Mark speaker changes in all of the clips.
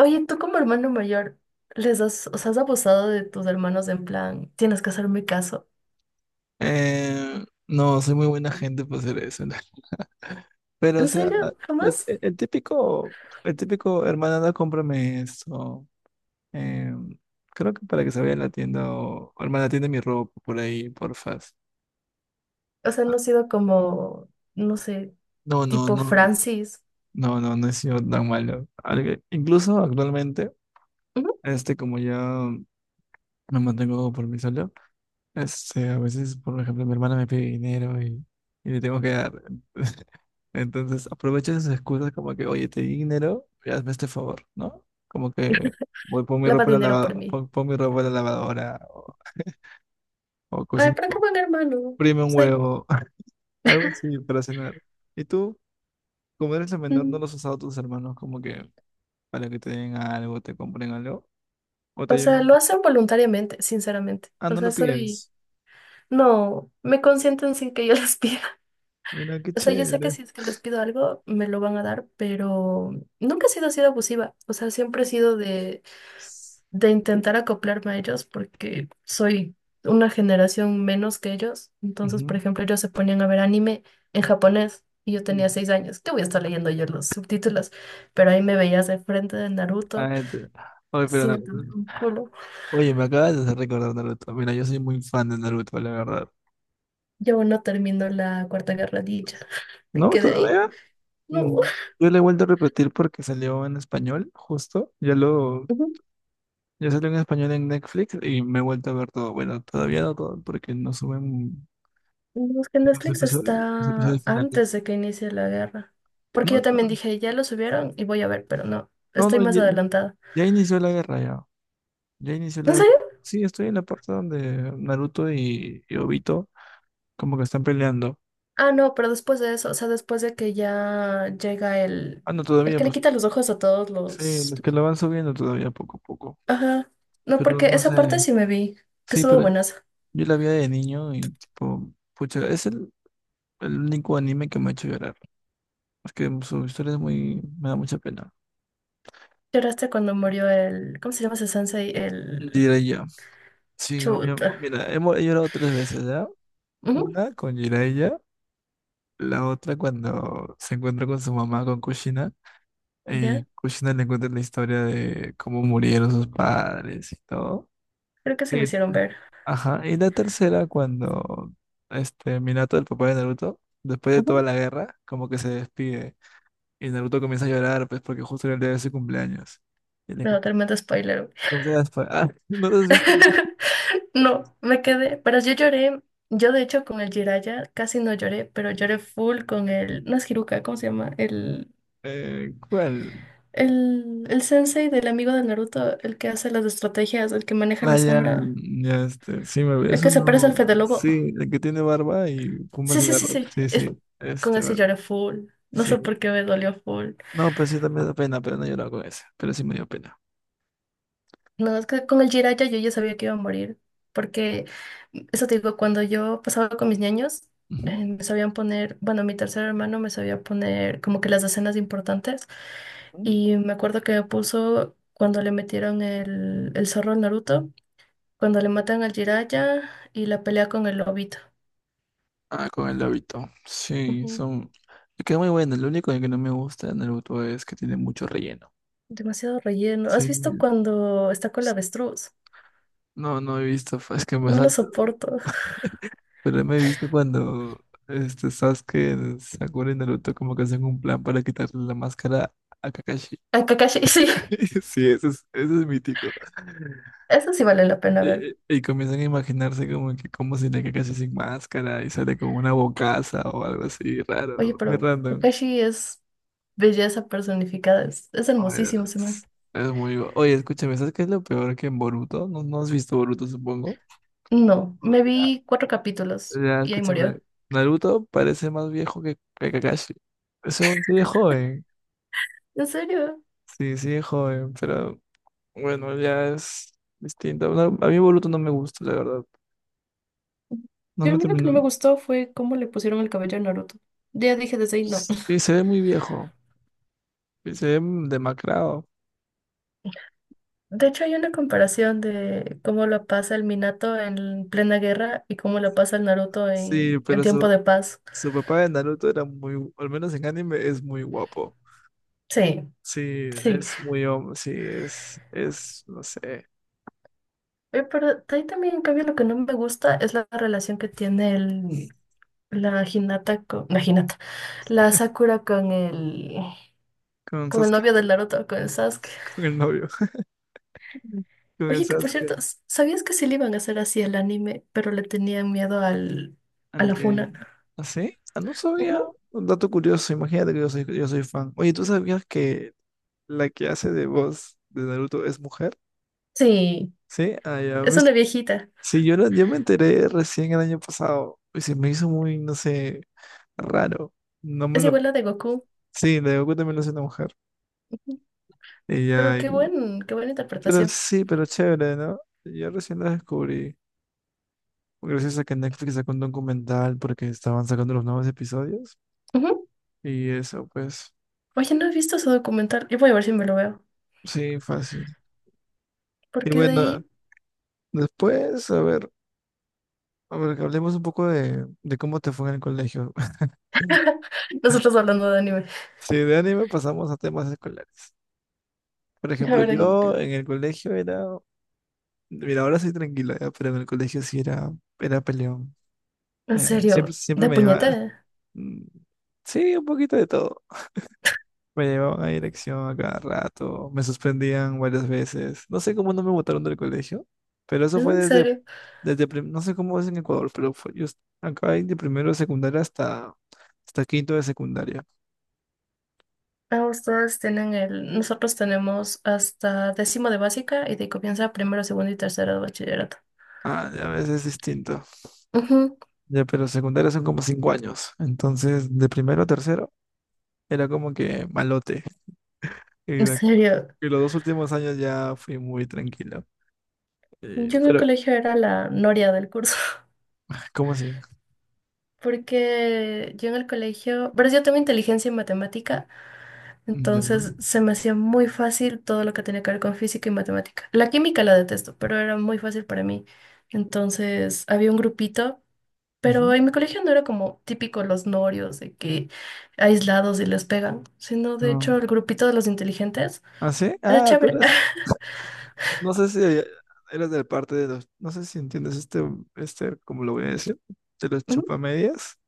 Speaker 1: Oye, tú como hermano mayor, ¿os has abusado de tus hermanos en plan, tienes que hacerme caso?
Speaker 2: No, soy muy buena gente para hacer eso, ¿no? Pero, o
Speaker 1: ¿En
Speaker 2: sea,
Speaker 1: serio?
Speaker 2: el,
Speaker 1: ¿Jamás?
Speaker 2: el- el típico, el típico, hermana, no cómprame esto. Eh, Creo que para que se vaya a la tienda o, hermana, tienda mi ropa por ahí, porfas.
Speaker 1: O sea, no ha sido como, no sé,
Speaker 2: No, no,
Speaker 1: tipo
Speaker 2: no,
Speaker 1: Francis.
Speaker 2: no, no, no he sido tan malo. Incluso actualmente,
Speaker 1: "Ujú,
Speaker 2: como ya me mantengo por mí solo, a veces, por ejemplo, mi hermana me pide dinero y le tengo que dar. Entonces, aprovecho esas excusas como que, oye, te di dinero, y hazme este favor, ¿no? Como que voy, pon mi
Speaker 1: lava
Speaker 2: ropa en la
Speaker 1: dinero por
Speaker 2: lavadora,
Speaker 1: mí.
Speaker 2: pon mi ropa en la lavadora, o
Speaker 1: Ay,
Speaker 2: cocina,
Speaker 1: pero qué
Speaker 2: o
Speaker 1: buen hermano.
Speaker 2: prime un
Speaker 1: Soy,
Speaker 2: huevo, algo así para cenar. Y tú, como eres el menor, ¿no
Speaker 1: mm,
Speaker 2: los has usado a tus hermanos como que para que te den algo, te compren algo? ¿O te
Speaker 1: o sea,
Speaker 2: llegan?
Speaker 1: lo hacen voluntariamente, sinceramente.
Speaker 2: Ah,
Speaker 1: O
Speaker 2: no
Speaker 1: sea,
Speaker 2: lo pides.
Speaker 1: no, me consienten sin que yo les pida.
Speaker 2: Mira, qué
Speaker 1: O sea, yo sé que
Speaker 2: chévere.
Speaker 1: si es que les pido algo, me lo van a dar, pero nunca he sido así de abusiva. O sea, siempre he sido de intentar acoplarme a ellos porque soy una generación menos que ellos. Entonces, por
Speaker 2: Ujú.
Speaker 1: ejemplo, ellos se ponían a ver anime en japonés y yo tenía 6 años. ¿Qué voy a estar leyendo yo los subtítulos? Pero ahí me veías de frente de Naruto
Speaker 2: Ah, Oye, pero
Speaker 1: sin entender un culo.
Speaker 2: Oye, me acabas de hacer recordar Naruto. Mira, yo soy muy fan de Naruto, la verdad.
Speaker 1: Yo aún no termino la Cuarta Guerra Ninja. Me
Speaker 2: ¿No?
Speaker 1: quedé ahí.
Speaker 2: ¿Todavía?
Speaker 1: No.
Speaker 2: Mm, Yo le he vuelto a repetir porque salió en español, justo. Ya lo.
Speaker 1: Ujú.
Speaker 2: Ya salió en español en Netflix y me he vuelto a ver todo. Bueno, todavía no todo porque no suben
Speaker 1: No, es que
Speaker 2: los
Speaker 1: Netflix
Speaker 2: episodios, los
Speaker 1: está
Speaker 2: episodios finales.
Speaker 1: antes de que inicie la guerra. Porque
Speaker 2: No,
Speaker 1: yo
Speaker 2: no,
Speaker 1: también dije, ya lo subieron y voy a ver, pero no,
Speaker 2: no,
Speaker 1: estoy
Speaker 2: no,
Speaker 1: más
Speaker 2: ya,
Speaker 1: adelantada.
Speaker 2: ya inició la guerra ya. Ya inició la
Speaker 1: ¿En
Speaker 2: guerra.
Speaker 1: serio?
Speaker 2: Sí, estoy en la parte donde Naruto y Obito como que están peleando.
Speaker 1: Ah, no, pero después de eso, o sea, después de que ya llega
Speaker 2: Ah, no,
Speaker 1: el
Speaker 2: todavía,
Speaker 1: que le
Speaker 2: pues.
Speaker 1: quita los ojos a todos
Speaker 2: Sí,
Speaker 1: los...
Speaker 2: los que la van subiendo todavía poco a poco.
Speaker 1: Ajá. No,
Speaker 2: Pero
Speaker 1: porque
Speaker 2: no
Speaker 1: esa
Speaker 2: sé.
Speaker 1: parte sí me vi, que
Speaker 2: Sí,
Speaker 1: estuvo
Speaker 2: pero
Speaker 1: buenaza.
Speaker 2: yo la vi de niño y tipo, pucha, es el único anime que me ha hecho llorar. Es que su historia es muy, me da mucha pena.
Speaker 1: Lloraste cuando murió el... ¿Cómo se llama ese sensei? El...
Speaker 2: Jiraiya. Sí, obviamente.
Speaker 1: Chuta.
Speaker 2: Mira, hemos he llorado tres veces, ¿ya?
Speaker 1: Ujú.
Speaker 2: Una con Jiraiya, la otra cuando se encuentra con su mamá, con Kushina, y
Speaker 1: Ya,
Speaker 2: Kushina le cuenta la historia de cómo murieron sus padres y todo.
Speaker 1: creo que se me hicieron ver.
Speaker 2: Ajá, y la tercera, cuando este Minato, el papá de Naruto, después de
Speaker 1: Ujú.
Speaker 2: toda la guerra, como que se despide. Y Naruto comienza a llorar, pues, porque justo era el día de su cumpleaños. Y le
Speaker 1: No, tremendo spoiler.
Speaker 2: comienza. Ah, ¿no lo has visto?
Speaker 1: No, me quedé, pero yo lloré. Yo, de hecho, con el Jiraiya casi no lloré, pero lloré full con el... No es Hiruka, ¿cómo se llama?
Speaker 2: ¿Cuál?
Speaker 1: El sensei del amigo de Naruto, el que hace las estrategias, el que maneja
Speaker 2: Ah,
Speaker 1: la
Speaker 2: ya,
Speaker 1: sombra,
Speaker 2: ya, sí, me
Speaker 1: el
Speaker 2: eso
Speaker 1: que se parece al
Speaker 2: no.
Speaker 1: Fede Lobo.
Speaker 2: Sí, el que tiene barba y fuma
Speaker 1: Sí, sí, sí,
Speaker 2: cigarros.
Speaker 1: sí.
Speaker 2: Sí,
Speaker 1: Es,
Speaker 2: sí,
Speaker 1: con ese lloré full. No sé
Speaker 2: sí.
Speaker 1: por qué me dolió full.
Speaker 2: No, pues sí, también me da pena, pero no he llorado con ese. Pero sí me dio pena.
Speaker 1: No, es que con el Jiraiya yo ya sabía que iba a morir. Porque, eso te digo, cuando yo pasaba con mis niños, me sabían poner, bueno, mi tercer hermano me sabía poner como que las escenas importantes.
Speaker 2: Ujú.
Speaker 1: Y me acuerdo que me puso cuando le metieron el zorro al Naruto. Cuando le matan al Jiraiya y la pelea con el lobito.
Speaker 2: Ah, con el hábito. Sí,
Speaker 1: Ujú.
Speaker 2: son. Me queda muy bueno. Lo único que no me gusta de Naruto es que tiene mucho relleno.
Speaker 1: Demasiado relleno. ¿Has
Speaker 2: Sí.
Speaker 1: visto cuando está con la avestruz?
Speaker 2: No, no he visto, es que me
Speaker 1: No lo
Speaker 2: salto.
Speaker 1: soporto.
Speaker 2: Pero me viste cuando Sasuke, Sakura y Naruto como que hacen un plan para quitarle la máscara a Kakashi.
Speaker 1: A Kakashi, sí,
Speaker 2: Sí, eso es mítico.
Speaker 1: eso sí vale la pena ver.
Speaker 2: Y comienzan a imaginarse como que cómo sería Kakashi sin máscara y sale como una bocaza o algo así
Speaker 1: Oye,
Speaker 2: raro, muy
Speaker 1: pero
Speaker 2: random.
Speaker 1: Kakashi es belleza personificada, es
Speaker 2: Oye,
Speaker 1: hermosísimo ese man.
Speaker 2: Es, es muy. Oye, escúchame, ¿sabes qué es lo peor que en Boruto? No, no has visto Boruto, supongo.
Speaker 1: No, me vi cuatro capítulos
Speaker 2: Ya, ya,
Speaker 1: y ahí
Speaker 2: escúchame.
Speaker 1: murió.
Speaker 2: Naruto parece más viejo que Kakashi. Según sigue joven.
Speaker 1: ¿En serio?
Speaker 2: Sí, sigue joven, pero bueno, ya es distinto. No, a mí Boruto no me gusta, la verdad. No
Speaker 1: Yo
Speaker 2: me
Speaker 1: a mí lo que
Speaker 2: terminó.
Speaker 1: no me gustó fue cómo le pusieron el cabello a Naruto. Ya dije desde ahí, no.
Speaker 2: Sí, se ve muy viejo. Y se ve demacrado.
Speaker 1: De hecho, hay una comparación de cómo la pasa el Minato en plena guerra y cómo la pasa el Naruto
Speaker 2: Sí,
Speaker 1: en
Speaker 2: pero
Speaker 1: tiempo
Speaker 2: su,
Speaker 1: de paz.
Speaker 2: su papá de Naruto era muy, al menos en anime, es muy guapo.
Speaker 1: Sí,
Speaker 2: Sí,
Speaker 1: sí.
Speaker 2: es muy hombre, sí, no sé,
Speaker 1: Pero de ahí también, en cambio, lo que no me gusta es la relación que tiene el, la Hinata con, la Hinata, la Sakura
Speaker 2: con
Speaker 1: con el
Speaker 2: Sasuke,
Speaker 1: novio del Naruto, con el Sasuke.
Speaker 2: con el novio, con el
Speaker 1: Oye, que por
Speaker 2: Sasuke,
Speaker 1: cierto, ¿sabías que sí le iban a hacer así el anime, pero le tenían miedo a
Speaker 2: al
Speaker 1: la
Speaker 2: que,
Speaker 1: funa?
Speaker 2: ¿ah, sí? Ah, no sabía,
Speaker 1: Ujú.
Speaker 2: un dato curioso, imagínate que yo soy fan. Oye, ¿tú sabías que la que hace de voz de Naruto es mujer?
Speaker 1: Sí,
Speaker 2: Sí, ah, ya,
Speaker 1: es una viejita.
Speaker 2: sí, yo me enteré recién el año pasado, y se me hizo muy, no sé, raro, no me
Speaker 1: Es
Speaker 2: lo,
Speaker 1: igual la de Goku.
Speaker 2: sí, de Goku también lo hace una mujer, y
Speaker 1: Pero
Speaker 2: ya,
Speaker 1: qué buen, qué buena
Speaker 2: pero
Speaker 1: interpretación.
Speaker 2: sí, pero chévere, ¿no? Yo recién lo descubrí. Gracias a que Netflix sacó un documental porque estaban sacando los nuevos episodios.
Speaker 1: Ujú.
Speaker 2: Y eso, pues,
Speaker 1: Oye, no he visto ese documental. Yo voy a ver si me lo veo.
Speaker 2: sí, fácil. Y
Speaker 1: Porque de
Speaker 2: bueno,
Speaker 1: ahí,
Speaker 2: después, a ver, que hablemos un poco de cómo te fue en el colegio.
Speaker 1: nosotros hablando de anime.
Speaker 2: Sí, de anime pasamos a temas escolares. Por
Speaker 1: A
Speaker 2: ejemplo,
Speaker 1: ver,
Speaker 2: yo en el colegio era, mira, ahora soy tranquilo, ya, pero en el colegio sí era peleón.
Speaker 1: en serio,
Speaker 2: Siempre
Speaker 1: de
Speaker 2: me
Speaker 1: puñete.
Speaker 2: llevaba, mm, sí, un poquito de todo. Me llevaban a dirección a cada rato, me suspendían varias veces. No sé cómo no me botaron del colegio, pero eso
Speaker 1: ¿Es
Speaker 2: fue
Speaker 1: en serio?
Speaker 2: no sé cómo es en Ecuador, pero fue, acá hay de primero de secundaria hasta quinto de secundaria.
Speaker 1: Ah, ustedes tienen el. Nosotros tenemos hasta décimo de básica y de ahí comienza primero, segundo y tercero de bachillerato.
Speaker 2: Ah, ya ves, es distinto.
Speaker 1: Ujú.
Speaker 2: Ya, pero secundaria son como 5 años. Entonces, de primero a tercero era como que malote. Y,
Speaker 1: En
Speaker 2: de acu-
Speaker 1: serio,
Speaker 2: y los 2 últimos años ya fui muy tranquilo.
Speaker 1: yo en el
Speaker 2: Pero,
Speaker 1: colegio era la noria del curso.
Speaker 2: ¿cómo así?
Speaker 1: Porque yo en el colegio. Pero yo tengo inteligencia en matemática.
Speaker 2: Ya.
Speaker 1: Entonces se me hacía muy fácil todo lo que tenía que ver con física y matemática. La química la detesto, pero era muy fácil para mí. Entonces había un grupito, pero
Speaker 2: Ujú.
Speaker 1: en mi colegio no era como típico los norios de que aislados y les pegan, sino de
Speaker 2: No.
Speaker 1: hecho el grupito de los inteligentes
Speaker 2: ¿Ah, sí?
Speaker 1: era
Speaker 2: Ah, tú
Speaker 1: chévere.
Speaker 2: eras. No sé si eres de parte de los, no sé si entiendes ¿cómo lo voy a decir? De los
Speaker 1: Ujú.
Speaker 2: chupamedias.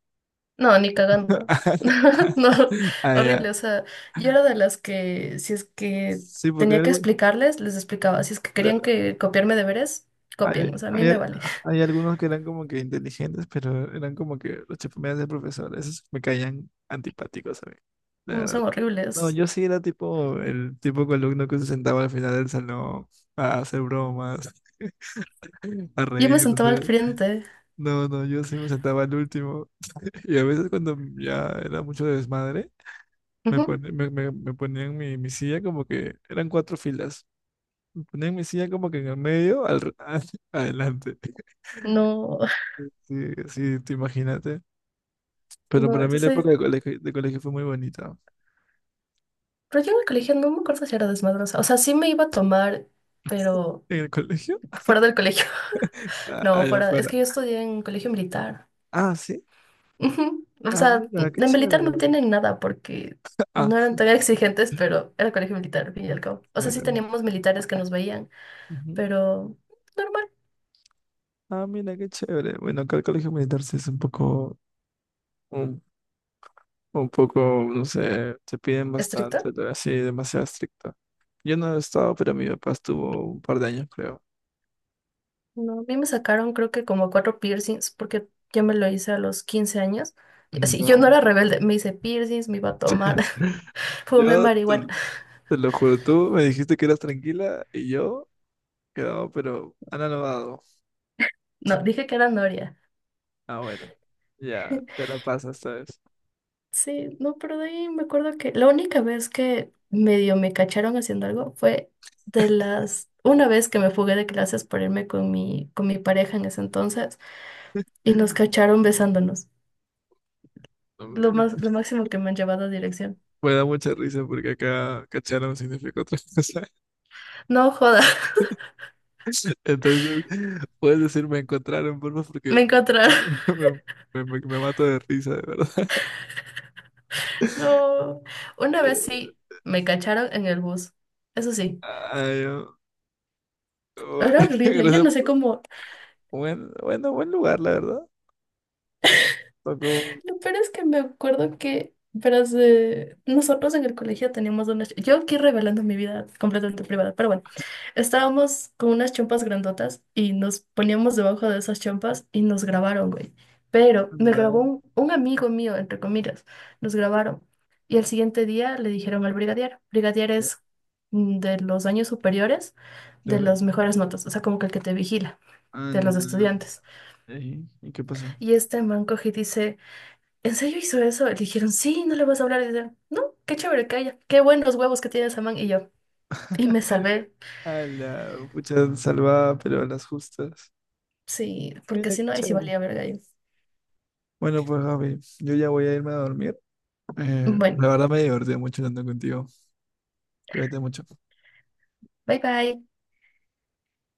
Speaker 1: No, ni cagando. No,
Speaker 2: Ah, ya.
Speaker 1: horrible. O sea, yo era de las que, si es que
Speaker 2: Sí, porque
Speaker 1: tenía que explicarles, les explicaba. Si es que querían
Speaker 2: claro,
Speaker 1: que copiarme deberes,
Speaker 2: hay,
Speaker 1: copien. O sea, a mí me
Speaker 2: hay-
Speaker 1: vale.
Speaker 2: hay algunos que eran como que inteligentes, pero eran como que los chupamedias del profesor. Esos me caían antipáticos a mí, la
Speaker 1: No,
Speaker 2: verdad.
Speaker 1: son
Speaker 2: No,
Speaker 1: horribles.
Speaker 2: yo sí era tipo el tipo de alumno que se sentaba al final del salón a hacer bromas, a
Speaker 1: Yo me sentaba al
Speaker 2: reírse.
Speaker 1: frente.
Speaker 2: No, no, no, yo sí me sentaba al último. Y a veces cuando ya era mucho desmadre, me,
Speaker 1: Ujú.
Speaker 2: pone- me ponían mi silla como que eran cuatro filas. Me ponían mi silla como que en el medio, adelante.
Speaker 1: No,
Speaker 2: Sí, sí, te imagínate. Pero
Speaker 1: no,
Speaker 2: para mí
Speaker 1: yo
Speaker 2: la época
Speaker 1: sé.
Speaker 2: de colegio fue muy bonita.
Speaker 1: Pero yo en el colegio no me acuerdo si era desmadrosa. O sea, sí me iba a tomar, pero
Speaker 2: ¿En el colegio?
Speaker 1: fuera del colegio.
Speaker 2: Ah,
Speaker 1: No,
Speaker 2: allá
Speaker 1: fuera. Es
Speaker 2: afuera.
Speaker 1: que yo estudié en colegio militar.
Speaker 2: Ah, sí.
Speaker 1: Ujú. O
Speaker 2: Ah,
Speaker 1: sea,
Speaker 2: mira, qué
Speaker 1: de militar no
Speaker 2: chévere.
Speaker 1: tienen nada porque
Speaker 2: Ah,
Speaker 1: no eran tan exigentes, pero era colegio militar, al fin y al cabo. O sea, sí
Speaker 2: claro.
Speaker 1: teníamos militares que nos veían,
Speaker 2: Ujú.
Speaker 1: pero normal.
Speaker 2: Ah, mira, qué chévere. Bueno, acá el colegio militar sí es un poco, no sé, te piden
Speaker 1: ¿Estricto?
Speaker 2: bastante, así, demasiado estricto. Yo no he estado, pero mi papá estuvo un par de años, creo.
Speaker 1: No, a mí me sacaron creo que como cuatro piercings porque yo me lo hice a los 15 años. Y así, yo no
Speaker 2: No,
Speaker 1: era rebelde, me hice piercings, me iba a tomar, fumé
Speaker 2: yo te,
Speaker 1: marihuana.
Speaker 2: te lo juro, tú me dijiste que eras tranquila y yo quedaba pero anonadado.
Speaker 1: No, dije que era noria.
Speaker 2: Ah, bueno, ya, te la pasas, ¿sabes?
Speaker 1: Sí, no, pero de ahí me acuerdo que la única vez que medio me cacharon haciendo algo fue una vez que me fugué de clases por irme con mi pareja en ese entonces y nos cacharon besándonos.
Speaker 2: Mm,
Speaker 1: Lo máximo que me han llevado a dirección.
Speaker 2: Me da mucha risa porque acá cacharon significa otra cosa.
Speaker 1: No joda,
Speaker 2: Entonces, puedes decir me encontraron, porfa, porque
Speaker 1: me encontraron.
Speaker 2: me, me mato de risa, de verdad.
Speaker 1: No, una vez sí me cacharon en el bus, eso sí,
Speaker 2: Ay, no. Bu-
Speaker 1: era horrible, yo
Speaker 2: Gracias.
Speaker 1: no sé cómo,
Speaker 2: Buen lugar, la verdad. Tocó.
Speaker 1: lo peor es que me acuerdo que, verás, nosotros en el colegio teníamos una, yo aquí revelando mi vida completamente privada, pero bueno, estábamos con unas chompas grandotas y nos poníamos debajo de esas chompas y nos grabaron, güey. Pero me
Speaker 2: Anda,
Speaker 1: grabó un amigo mío, entre comillas, nos grabaron. Y al siguiente día le dijeron al brigadier. Brigadier
Speaker 2: anda,
Speaker 1: es de los años superiores, de
Speaker 2: claro.
Speaker 1: las mejores notas, o sea, como que el que te vigila, de los
Speaker 2: Anda.
Speaker 1: estudiantes.
Speaker 2: Ey, ¿y qué pasó?
Speaker 1: Y este man coge y dice, ¿en serio hizo eso? Le dijeron, sí, no le vas a hablar. Y dice, no, qué chévere, que haya qué buenos huevos que tiene esa man. Y yo, y me salvé,
Speaker 2: A la pucha salvada, pero a las justas.
Speaker 1: sí, porque
Speaker 2: Mira,
Speaker 1: si
Speaker 2: qué
Speaker 1: no, ahí sí
Speaker 2: chévere.
Speaker 1: valía verga yo.
Speaker 2: Bueno, pues Javi, yo ya voy a irme a dormir.
Speaker 1: Bueno,
Speaker 2: La verdad me divertí mucho hablando contigo. Cuídate mucho.
Speaker 1: bye bye.